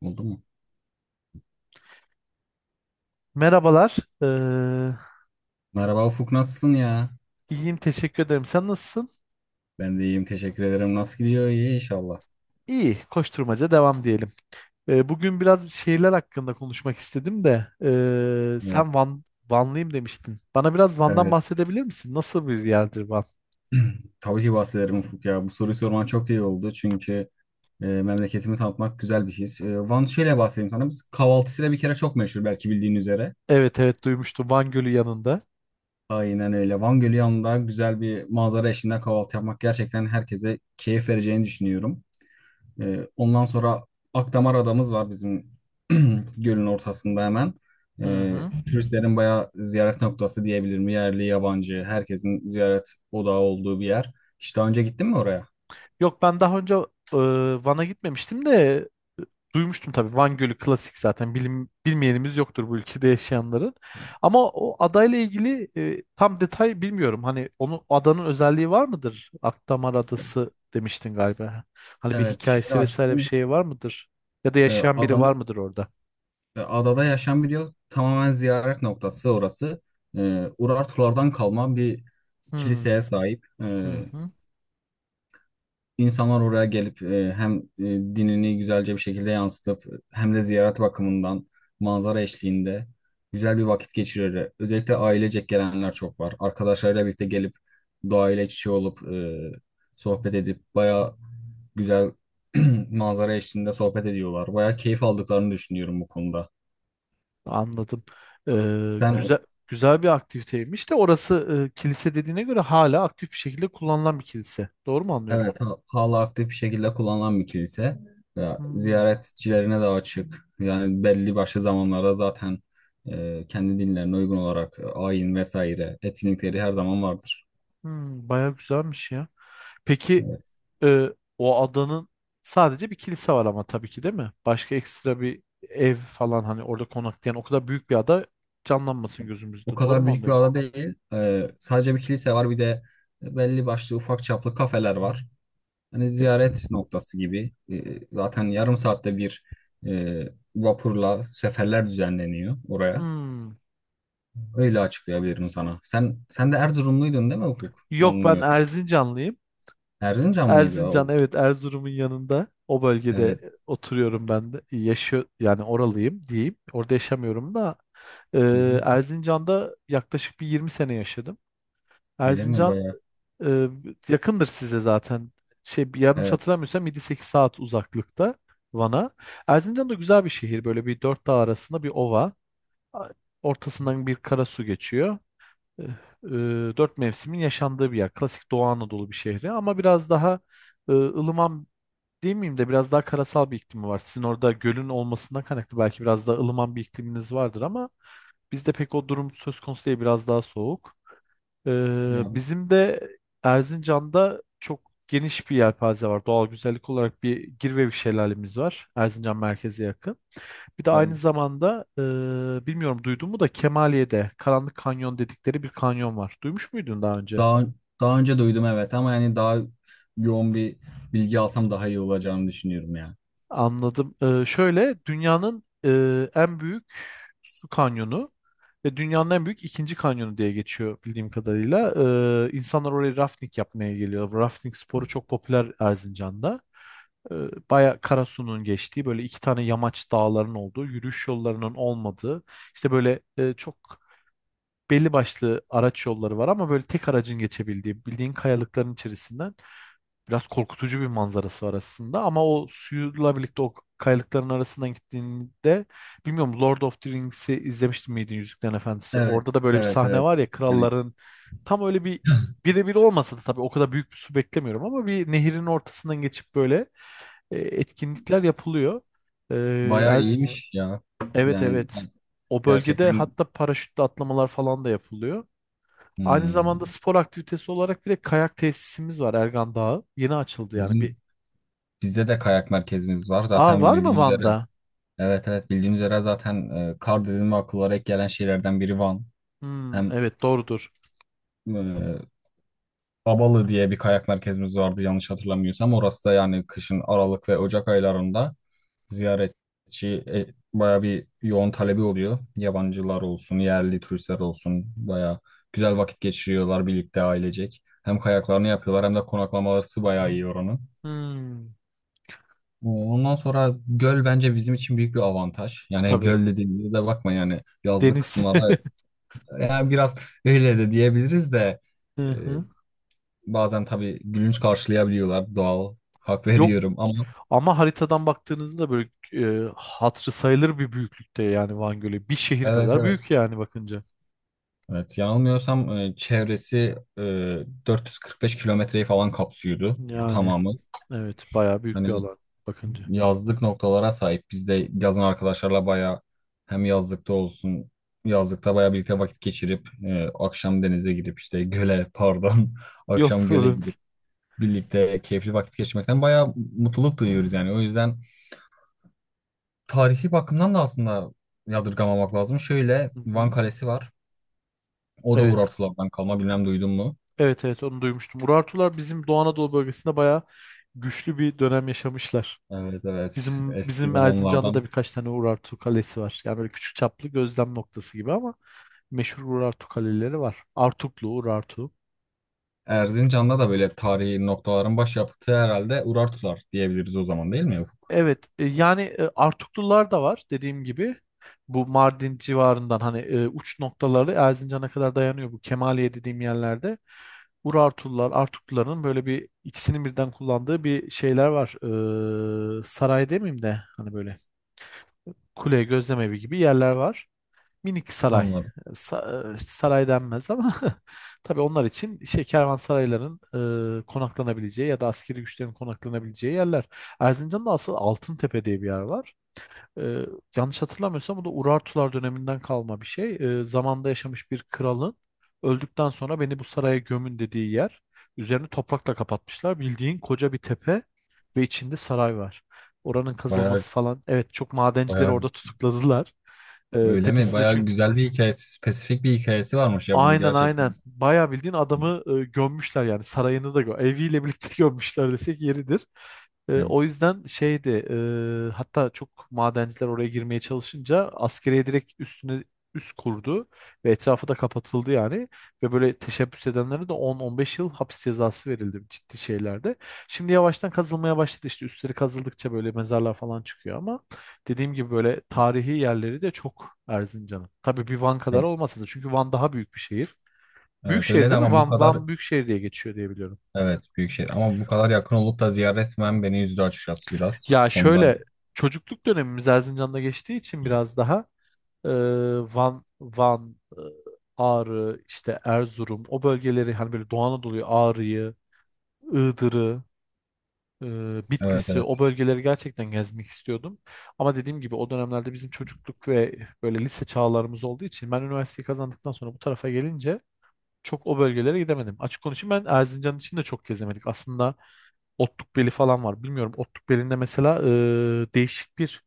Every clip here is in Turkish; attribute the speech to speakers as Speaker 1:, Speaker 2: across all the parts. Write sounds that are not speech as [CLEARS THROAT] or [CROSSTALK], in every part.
Speaker 1: Oldu mu?
Speaker 2: Merhabalar. Ee,
Speaker 1: Merhaba Ufuk, nasılsın ya?
Speaker 2: iyiyim, teşekkür ederim. Sen nasılsın?
Speaker 1: Ben de iyiyim, teşekkür ederim. Nasıl gidiyor? İyi inşallah.
Speaker 2: İyi, koşturmaca devam diyelim. Bugün biraz şehirler hakkında konuşmak istedim de sen
Speaker 1: Evet.
Speaker 2: Van, Vanlıyım demiştin. Bana biraz Van'dan
Speaker 1: Evet.
Speaker 2: bahsedebilir misin? Nasıl bir yerdir Van?
Speaker 1: Tabii ki bahsederim Ufuk ya. Bu soruyu sorman çok iyi oldu. Çünkü memleketimi tanıtmak güzel bir his. Van, şöyle bahsedeyim sana. Biz kahvaltısıyla bir kere çok meşhur, belki bildiğin üzere.
Speaker 2: Evet evet duymuştum Van Gölü yanında.
Speaker 1: Aynen öyle. Van Gölü yanında güzel bir manzara eşliğinde kahvaltı yapmak gerçekten herkese keyif vereceğini düşünüyorum. Ondan sonra Akdamar adamız var bizim [CLEARS THROAT] gölün ortasında hemen.
Speaker 2: Hı
Speaker 1: Ee,
Speaker 2: hı.
Speaker 1: turistlerin bayağı ziyaret noktası diyebilirim. Yerli, yabancı, herkesin ziyaret odağı olduğu bir yer. Hiç daha önce gittin mi oraya?
Speaker 2: Yok ben daha önce e, Van'a gitmemiştim de e, duymuştum tabii. Van Gölü klasik zaten. Bilmeyenimiz yoktur bu ülkede yaşayanların. Ama o adayla ilgili tam detay bilmiyorum. Hani onun adanın özelliği var mıdır? Akdamar
Speaker 1: Ya.
Speaker 2: Adası demiştin galiba. Hani bir
Speaker 1: Evet, şehri
Speaker 2: hikayesi vesaire bir
Speaker 1: açtım.
Speaker 2: şey var mıdır? Ya da yaşayan biri var
Speaker 1: Adamı,
Speaker 2: mıdır orada?
Speaker 1: adada yaşayan bir tamamen ziyaret noktası orası. Urartulardan kalma bir
Speaker 2: Hmm.
Speaker 1: kiliseye sahip.
Speaker 2: Hı hı.
Speaker 1: İnsanlar oraya gelip hem dinini güzelce bir şekilde yansıtıp hem de ziyaret bakımından manzara eşliğinde güzel bir vakit geçirirler. Özellikle ailecek gelenler çok var. Arkadaşlarıyla birlikte gelip doğayla iç içe olup sohbet edip bayağı güzel [CLEARS THROAT] manzara eşliğinde sohbet ediyorlar. Bayağı keyif aldıklarını düşünüyorum bu konuda.
Speaker 2: Anladım. Ee,
Speaker 1: Sen. Evet.
Speaker 2: güzel Güzel bir aktiviteymiş de orası, kilise dediğine göre hala aktif bir şekilde kullanılan bir kilise. Doğru mu anlıyorum?
Speaker 1: Evet, hala aktif bir şekilde kullanılan bir kilise. Ya,
Speaker 2: Hmm.
Speaker 1: ziyaretçilerine de açık. Yani belli başlı zamanlarda zaten kendi dinlerine uygun olarak ayin vesaire etkinlikleri her zaman vardır.
Speaker 2: Hmm, bayağı güzelmiş ya. Peki,
Speaker 1: Evet.
Speaker 2: e, o adanın sadece bir kilise var ama tabii ki değil mi? Başka ekstra bir ev falan hani orada konaklayan o kadar büyük bir ada canlanmasın
Speaker 1: O
Speaker 2: gözümüzde. Doğru
Speaker 1: kadar
Speaker 2: mu
Speaker 1: büyük bir
Speaker 2: anlıyorum?
Speaker 1: ada değil. Sadece bir kilise var, bir de belli başlı ufak çaplı kafeler var. Hani
Speaker 2: E,
Speaker 1: ziyaret noktası gibi. Zaten yarım saatte bir e, vapurla seferler düzenleniyor oraya.
Speaker 2: hmm.
Speaker 1: Öyle açıklayabilirim sana. Sen de Erzurumluydun değil mi Ufuk?
Speaker 2: Yok ben
Speaker 1: Yanılmıyorsam.
Speaker 2: Erzincanlıyım.
Speaker 1: Erzincan mıydı o?
Speaker 2: Erzincan, evet, Erzurum'un yanında o
Speaker 1: Evet.
Speaker 2: bölgede oturuyorum ben de. Yaşıyor yani oralıyım diyeyim. Orada yaşamıyorum da e,
Speaker 1: Hı hı.
Speaker 2: Erzincan'da yaklaşık bir 20 sene yaşadım.
Speaker 1: Öyle mi,
Speaker 2: Erzincan
Speaker 1: bayağı?
Speaker 2: Ee, yakındır size zaten. Şey, bir yanlış
Speaker 1: Evet.
Speaker 2: hatırlamıyorsam 7-8 saat uzaklıkta Van'a. Erzincan da güzel bir şehir. Böyle bir dört dağ arasında bir ova. A- Ortasından bir karasu geçiyor. Ee, e, Dört mevsimin yaşandığı bir yer. Klasik Doğu Anadolu bir şehri ama biraz daha ılıman değil miyim de biraz daha karasal bir iklimi var. Sizin orada gölün olmasından kaynaklı belki biraz daha ılıman bir ikliminiz vardır ama bizde pek o durum söz konusu değil, biraz daha soğuk.
Speaker 1: Ya,
Speaker 2: Bizim de Erzincan'da çok geniş bir yelpaze var. Doğal güzellik olarak bir Girvevik şelalemiz var, Erzincan merkeze yakın. Bir de aynı
Speaker 1: ben
Speaker 2: zamanda bilmiyorum duydun mu da Kemaliye'de Karanlık Kanyon dedikleri bir kanyon var. Duymuş muydun daha önce?
Speaker 1: daha daha önce duydum evet, ama yani daha yoğun bir bilgi alsam daha iyi olacağını düşünüyorum ya.
Speaker 2: Anladım. Şöyle dünyanın en büyük su kanyonu ve dünyanın en büyük ikinci kanyonu diye geçiyor bildiğim kadarıyla. İnsanlar oraya rafting yapmaya geliyor. Rafting sporu çok popüler Erzincan'da. Ee, Baya Karasu'nun geçtiği böyle iki tane yamaç dağların olduğu, yürüyüş yollarının olmadığı, işte böyle çok belli başlı araç yolları var ama böyle tek aracın geçebildiği bildiğin kayalıkların içerisinden. Biraz korkutucu bir manzarası var aslında ama o suyla birlikte o kayalıkların arasından gittiğinde, bilmiyorum Lord of the Rings'i izlemiştin miydin, Yüzüklerin Efendisi? Orada
Speaker 1: Evet,
Speaker 2: da böyle bir
Speaker 1: evet,
Speaker 2: sahne
Speaker 1: evet.
Speaker 2: var ya
Speaker 1: Yani
Speaker 2: kralların, tam öyle bir birebir olmasa da tabii, o kadar büyük bir su beklemiyorum ama bir nehirin ortasından geçip böyle etkinlikler yapılıyor. E,
Speaker 1: bayağı
Speaker 2: Erz-
Speaker 1: iyiymiş ya.
Speaker 2: evet
Speaker 1: Yani
Speaker 2: evet o bölgede
Speaker 1: gerçekten.
Speaker 2: hatta paraşütle atlamalar falan da yapılıyor. Aynı zamanda
Speaker 1: hmm,
Speaker 2: spor aktivitesi olarak bir de kayak tesisimiz var, Ergan Dağı. Yeni açıldı yani bir.
Speaker 1: bizim bizde de kayak merkezimiz var.
Speaker 2: Aa,
Speaker 1: Zaten
Speaker 2: var mı
Speaker 1: bildiğiniz
Speaker 2: Van'da?
Speaker 1: üzere, evet evet, bildiğiniz üzere zaten kar dediğim ve akıllara ilk gelen şeylerden biri Van.
Speaker 2: Hmm,
Speaker 1: Hem
Speaker 2: evet doğrudur.
Speaker 1: e, Babalı diye bir kayak merkezimiz vardı yanlış hatırlamıyorsam. Orası da yani kışın Aralık ve Ocak aylarında ziyaretçi baya bir yoğun talebi oluyor. Yabancılar olsun, yerli turistler olsun baya güzel vakit geçiriyorlar birlikte ailecek. Hem kayaklarını yapıyorlar hem de konaklamaları bayağı iyi oranın.
Speaker 2: Hmm,
Speaker 1: Ondan sonra göl bence bizim için büyük bir avantaj. Yani
Speaker 2: tabii.
Speaker 1: göl dediğimizde de bakma yani yazlık
Speaker 2: Deniz.
Speaker 1: kısımlara,
Speaker 2: [LAUGHS]
Speaker 1: yani biraz öyle de diyebiliriz de
Speaker 2: Hı
Speaker 1: e,
Speaker 2: hı.
Speaker 1: bazen tabii gülünç karşılayabiliyorlar. Doğal. Hak [LAUGHS]
Speaker 2: Yok
Speaker 1: veriyorum ama.
Speaker 2: ama haritadan baktığınızda böyle hatırı sayılır bir büyüklükte yani Van Gölü. Bir şehir
Speaker 1: Evet
Speaker 2: kadar
Speaker 1: evet.
Speaker 2: büyük yani bakınca.
Speaker 1: Evet, yanılmıyorsam çevresi 445 kilometreyi falan kapsıyordu
Speaker 2: Yani
Speaker 1: tamamı.
Speaker 2: evet bayağı büyük bir
Speaker 1: Hani
Speaker 2: alan bakınca.
Speaker 1: yazlık noktalara sahip. Biz de yazın arkadaşlarla bayağı hem yazlıkta olsun, yazlıkta bayağı birlikte vakit geçirip akşam denize gidip, işte göle pardon [LAUGHS]
Speaker 2: [LAUGHS] Yok,
Speaker 1: akşam göle
Speaker 2: problem değil.
Speaker 1: gidip birlikte keyifli vakit geçirmekten bayağı mutluluk duyuyoruz yani. O yüzden tarihi bakımdan da aslında yadırgamamak lazım. Şöyle,
Speaker 2: Hı
Speaker 1: Van
Speaker 2: hı.
Speaker 1: Kalesi var. O da Uğur
Speaker 2: Evet.
Speaker 1: Artular'dan kalma. Bilmem duydun mu?
Speaker 2: Evet evet onu duymuştum. Urartular bizim Doğu Anadolu bölgesinde bayağı güçlü bir dönem yaşamışlar.
Speaker 1: Evet evet.
Speaker 2: Bizim
Speaker 1: Eski
Speaker 2: bizim Erzincan'da da
Speaker 1: zamanlardan.
Speaker 2: birkaç tane Urartu kalesi var. Yani böyle küçük çaplı gözlem noktası gibi ama meşhur Urartu kaleleri var. Artuklu, Urartu.
Speaker 1: Erzincan'da da böyle tarihi noktaların başyapıtı herhalde Uğur Artular diyebiliriz o zaman, değil mi Ufuk?
Speaker 2: Evet, yani Artuklular da var dediğim gibi. Bu Mardin civarından hani uç noktaları Erzincan'a kadar dayanıyor, bu Kemaliye dediğim yerlerde. Urartular, Artukluların böyle bir ikisinin birden kullandığı bir şeyler var. Saray demeyeyim de hani böyle kule, gözlemevi gibi yerler var. Minik saray.
Speaker 1: Anladım.
Speaker 2: İşte saray denmez ama [LAUGHS] tabii onlar için şey, kervansarayların konaklanabileceği ya da askeri güçlerin konaklanabileceği yerler. Erzincan'da asıl Altıntepe diye bir yer var. E, Yanlış hatırlamıyorsam bu da Urartular döneminden kalma bir şey. Zamanda yaşamış bir kralın öldükten sonra beni bu saraya gömün dediği yer. Üzerini toprakla kapatmışlar. Bildiğin koca bir tepe ve içinde saray var. Oranın
Speaker 1: Bayağı
Speaker 2: kazılması falan. Evet çok madencileri
Speaker 1: bayağı
Speaker 2: orada tutukladılar.
Speaker 1: öyle mi?
Speaker 2: Tepesine
Speaker 1: Bayağı
Speaker 2: çünkü.
Speaker 1: güzel bir hikayesi, spesifik bir hikayesi varmış ya bunun
Speaker 2: Aynen aynen.
Speaker 1: gerçekten.
Speaker 2: Bayağı bildiğin adamı gömmüşler yani sarayını da eviyle birlikte [LAUGHS] gömmüşler desek yeridir.
Speaker 1: Evet.
Speaker 2: O yüzden şeydi, hatta çok madenciler oraya girmeye çalışınca askeriye direkt üstüne üst kurdu ve etrafı da kapatıldı yani ve böyle teşebbüs edenlere de 10-15 yıl hapis cezası verildi ciddi şeylerde. Şimdi yavaştan kazılmaya başladı, işte üstleri kazıldıkça böyle mezarlar falan çıkıyor ama dediğim gibi böyle tarihi yerleri de çok Erzincan'ın. Tabii bir Van
Speaker 1: Ya-
Speaker 2: kadar olmasa da, çünkü Van daha büyük bir şehir. Büyük
Speaker 1: evet, öyle
Speaker 2: şehir
Speaker 1: de
Speaker 2: değil mi?
Speaker 1: ama bu kadar
Speaker 2: Van büyük şehir diye geçiyor diye biliyorum.
Speaker 1: evet büyük şehir, ama bu kadar yakın olup da ziyaret etmem beni üzdü açıkçası biraz.
Speaker 2: Ya
Speaker 1: Ondan.
Speaker 2: şöyle, çocukluk dönemimiz Erzincan'da geçtiği için biraz daha e, Van, Van, e, Ağrı, işte Erzurum, o bölgeleri hani böyle Doğu Anadolu'yu, Ağrı'yı, Iğdır'ı,
Speaker 1: Evet
Speaker 2: Bitlis'i, o
Speaker 1: evet.
Speaker 2: bölgeleri gerçekten gezmek istiyordum. Ama dediğim gibi o dönemlerde bizim çocukluk ve böyle lise çağlarımız olduğu için ben üniversiteyi kazandıktan sonra bu tarafa gelince çok o bölgelere gidemedim. Açık konuşayım ben Erzincan için de çok gezemedik aslında. Otlukbeli falan var. Bilmiyorum Otlukbeli'nde mesela e, değişik bir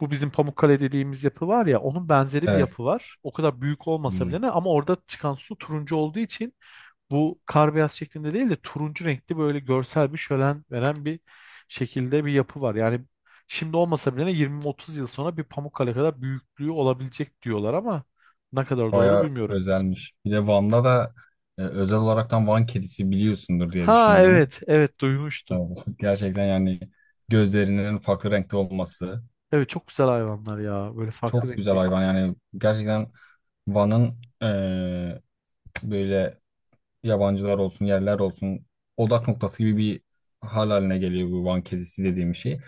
Speaker 2: bu bizim Pamukkale dediğimiz yapı var ya onun benzeri bir
Speaker 1: Evet.
Speaker 2: yapı var. O kadar büyük olmasa
Speaker 1: Hmm.
Speaker 2: bile ne, ama orada çıkan su turuncu olduğu için bu kar beyaz şeklinde değil de turuncu renkli, böyle görsel bir şölen veren bir şekilde bir yapı var. Yani şimdi olmasa bile 20-30 yıl sonra bir Pamukkale kadar büyüklüğü olabilecek diyorlar ama ne kadar doğru
Speaker 1: Bayağı
Speaker 2: bilmiyorum.
Speaker 1: özelmiş. Bir de Van'da da özel olaraktan Van kedisi biliyorsundur diye
Speaker 2: Ha
Speaker 1: düşünüyorum.
Speaker 2: evet evet
Speaker 1: E,
Speaker 2: duymuştum.
Speaker 1: [LAUGHS] Gerçekten yani gözlerinin farklı renkte olması
Speaker 2: Evet çok güzel hayvanlar ya, böyle farklı
Speaker 1: çok güzel
Speaker 2: renkli.
Speaker 1: hayvan. Yani gerçekten Van'ın böyle yabancılar olsun, yerler olsun odak noktası gibi bir hal haline geliyor bu Van kedisi dediğim şey.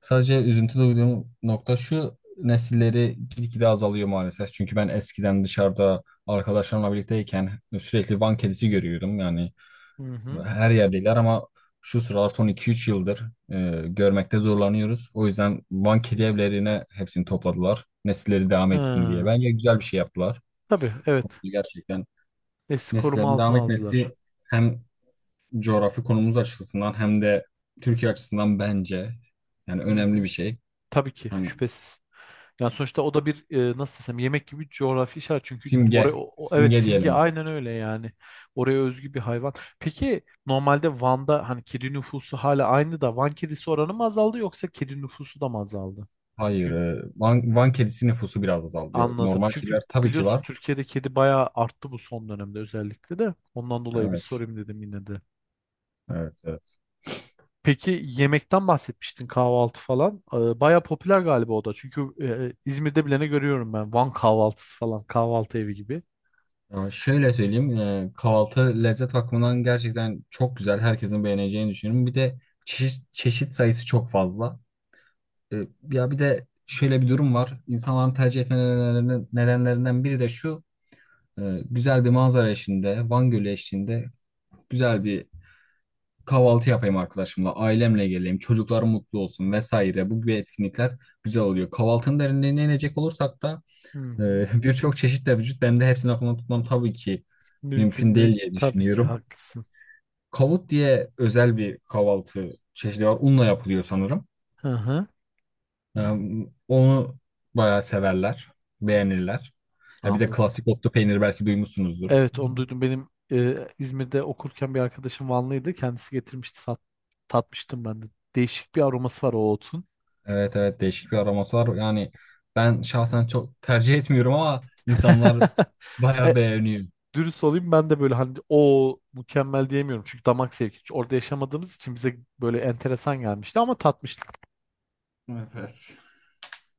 Speaker 1: Sadece üzüntü duyduğum nokta şu: nesilleri gitgide azalıyor maalesef. Çünkü ben eskiden dışarıda arkadaşlarımla birlikteyken sürekli Van kedisi görüyordum. Yani
Speaker 2: Hı hı.
Speaker 1: her yerdeler, ama şu sıralar son 2-3 yıldır görmekte zorlanıyoruz. O yüzden Van kedi evlerine hepsini topladılar. Nesilleri devam etsin diye.
Speaker 2: Ha,
Speaker 1: Bence güzel bir şey yaptılar.
Speaker 2: tabii
Speaker 1: Bu konuda
Speaker 2: evet.
Speaker 1: gerçekten
Speaker 2: Nesli koruma
Speaker 1: nesillerin devam
Speaker 2: altına
Speaker 1: etmesi
Speaker 2: aldılar.
Speaker 1: hem coğrafi konumuz açısından hem de Türkiye açısından bence yani
Speaker 2: Hı
Speaker 1: önemli
Speaker 2: hı.
Speaker 1: bir şey.
Speaker 2: Tabii ki
Speaker 1: Hani
Speaker 2: şüphesiz. Yani sonuçta o da bir, nasıl desem, yemek gibi bir coğrafi işaret. Çünkü oraya
Speaker 1: simge,
Speaker 2: evet
Speaker 1: simge
Speaker 2: simge,
Speaker 1: diyelim.
Speaker 2: aynen öyle yani. Oraya özgü bir hayvan. Peki normalde Van'da hani kedi nüfusu hala aynı da Van kedisi oranı mı azaldı, yoksa kedi nüfusu da mı azaldı?
Speaker 1: Hayır,
Speaker 2: Çünkü
Speaker 1: Van, kedisi nüfusu biraz azalıyor.
Speaker 2: anladım.
Speaker 1: Normal
Speaker 2: Çünkü
Speaker 1: kediler tabii ki
Speaker 2: biliyorsun
Speaker 1: var.
Speaker 2: Türkiye'de kedi bayağı arttı bu son dönemde, özellikle de. Ondan dolayı bir
Speaker 1: Evet,
Speaker 2: sorayım dedim yine de.
Speaker 1: evet, evet.
Speaker 2: Peki yemekten bahsetmiştin, kahvaltı falan. Bayağı popüler galiba o da. Çünkü İzmir'de bilene görüyorum ben. Van kahvaltısı falan, kahvaltı evi gibi.
Speaker 1: Ya şöyle söyleyeyim, kahvaltı lezzet bakımından gerçekten çok güzel. Herkesin beğeneceğini düşünüyorum. Bir de çeşit sayısı çok fazla. E, ya bir de şöyle bir durum var. İnsanların tercih etme nedenlerinden biri de şu. E, güzel bir manzara eşliğinde, Van Gölü eşliğinde güzel bir kahvaltı yapayım, arkadaşımla, ailemle geleyim, çocuklar mutlu olsun vesaire. Bu gibi etkinlikler güzel oluyor. Kahvaltının derinliğine inecek olursak da
Speaker 2: Hı hı.
Speaker 1: [LAUGHS] birçok çeşit de vücut. Benim de hepsini aklımda tutmam tabii ki mümkün
Speaker 2: Mümkün değil.
Speaker 1: değil diye
Speaker 2: Tabii ki
Speaker 1: düşünüyorum.
Speaker 2: haklısın.
Speaker 1: Kavut diye özel bir kahvaltı çeşidi var. Unla yapılıyor sanırım.
Speaker 2: Hı hı.
Speaker 1: E, onu bayağı severler, beğenirler. Ya bir de
Speaker 2: Anladım.
Speaker 1: klasik otlu peynir, belki duymuşsunuzdur.
Speaker 2: Evet onu duydum. Benim İzmir'de okurken bir arkadaşım Vanlıydı. Kendisi getirmişti. Tatmıştım ben de. Değişik bir aroması var o otun.
Speaker 1: Evet evet, değişik bir aroması var. Yani ben şahsen çok tercih etmiyorum ama insanlar
Speaker 2: [LAUGHS]
Speaker 1: bayağı
Speaker 2: E,
Speaker 1: beğeniyor.
Speaker 2: Dürüst olayım, ben de böyle hani o mükemmel diyemiyorum. Çünkü damak zevki. Çünkü orada yaşamadığımız için bize böyle enteresan gelmişti ama tatmıştık.
Speaker 1: Evet.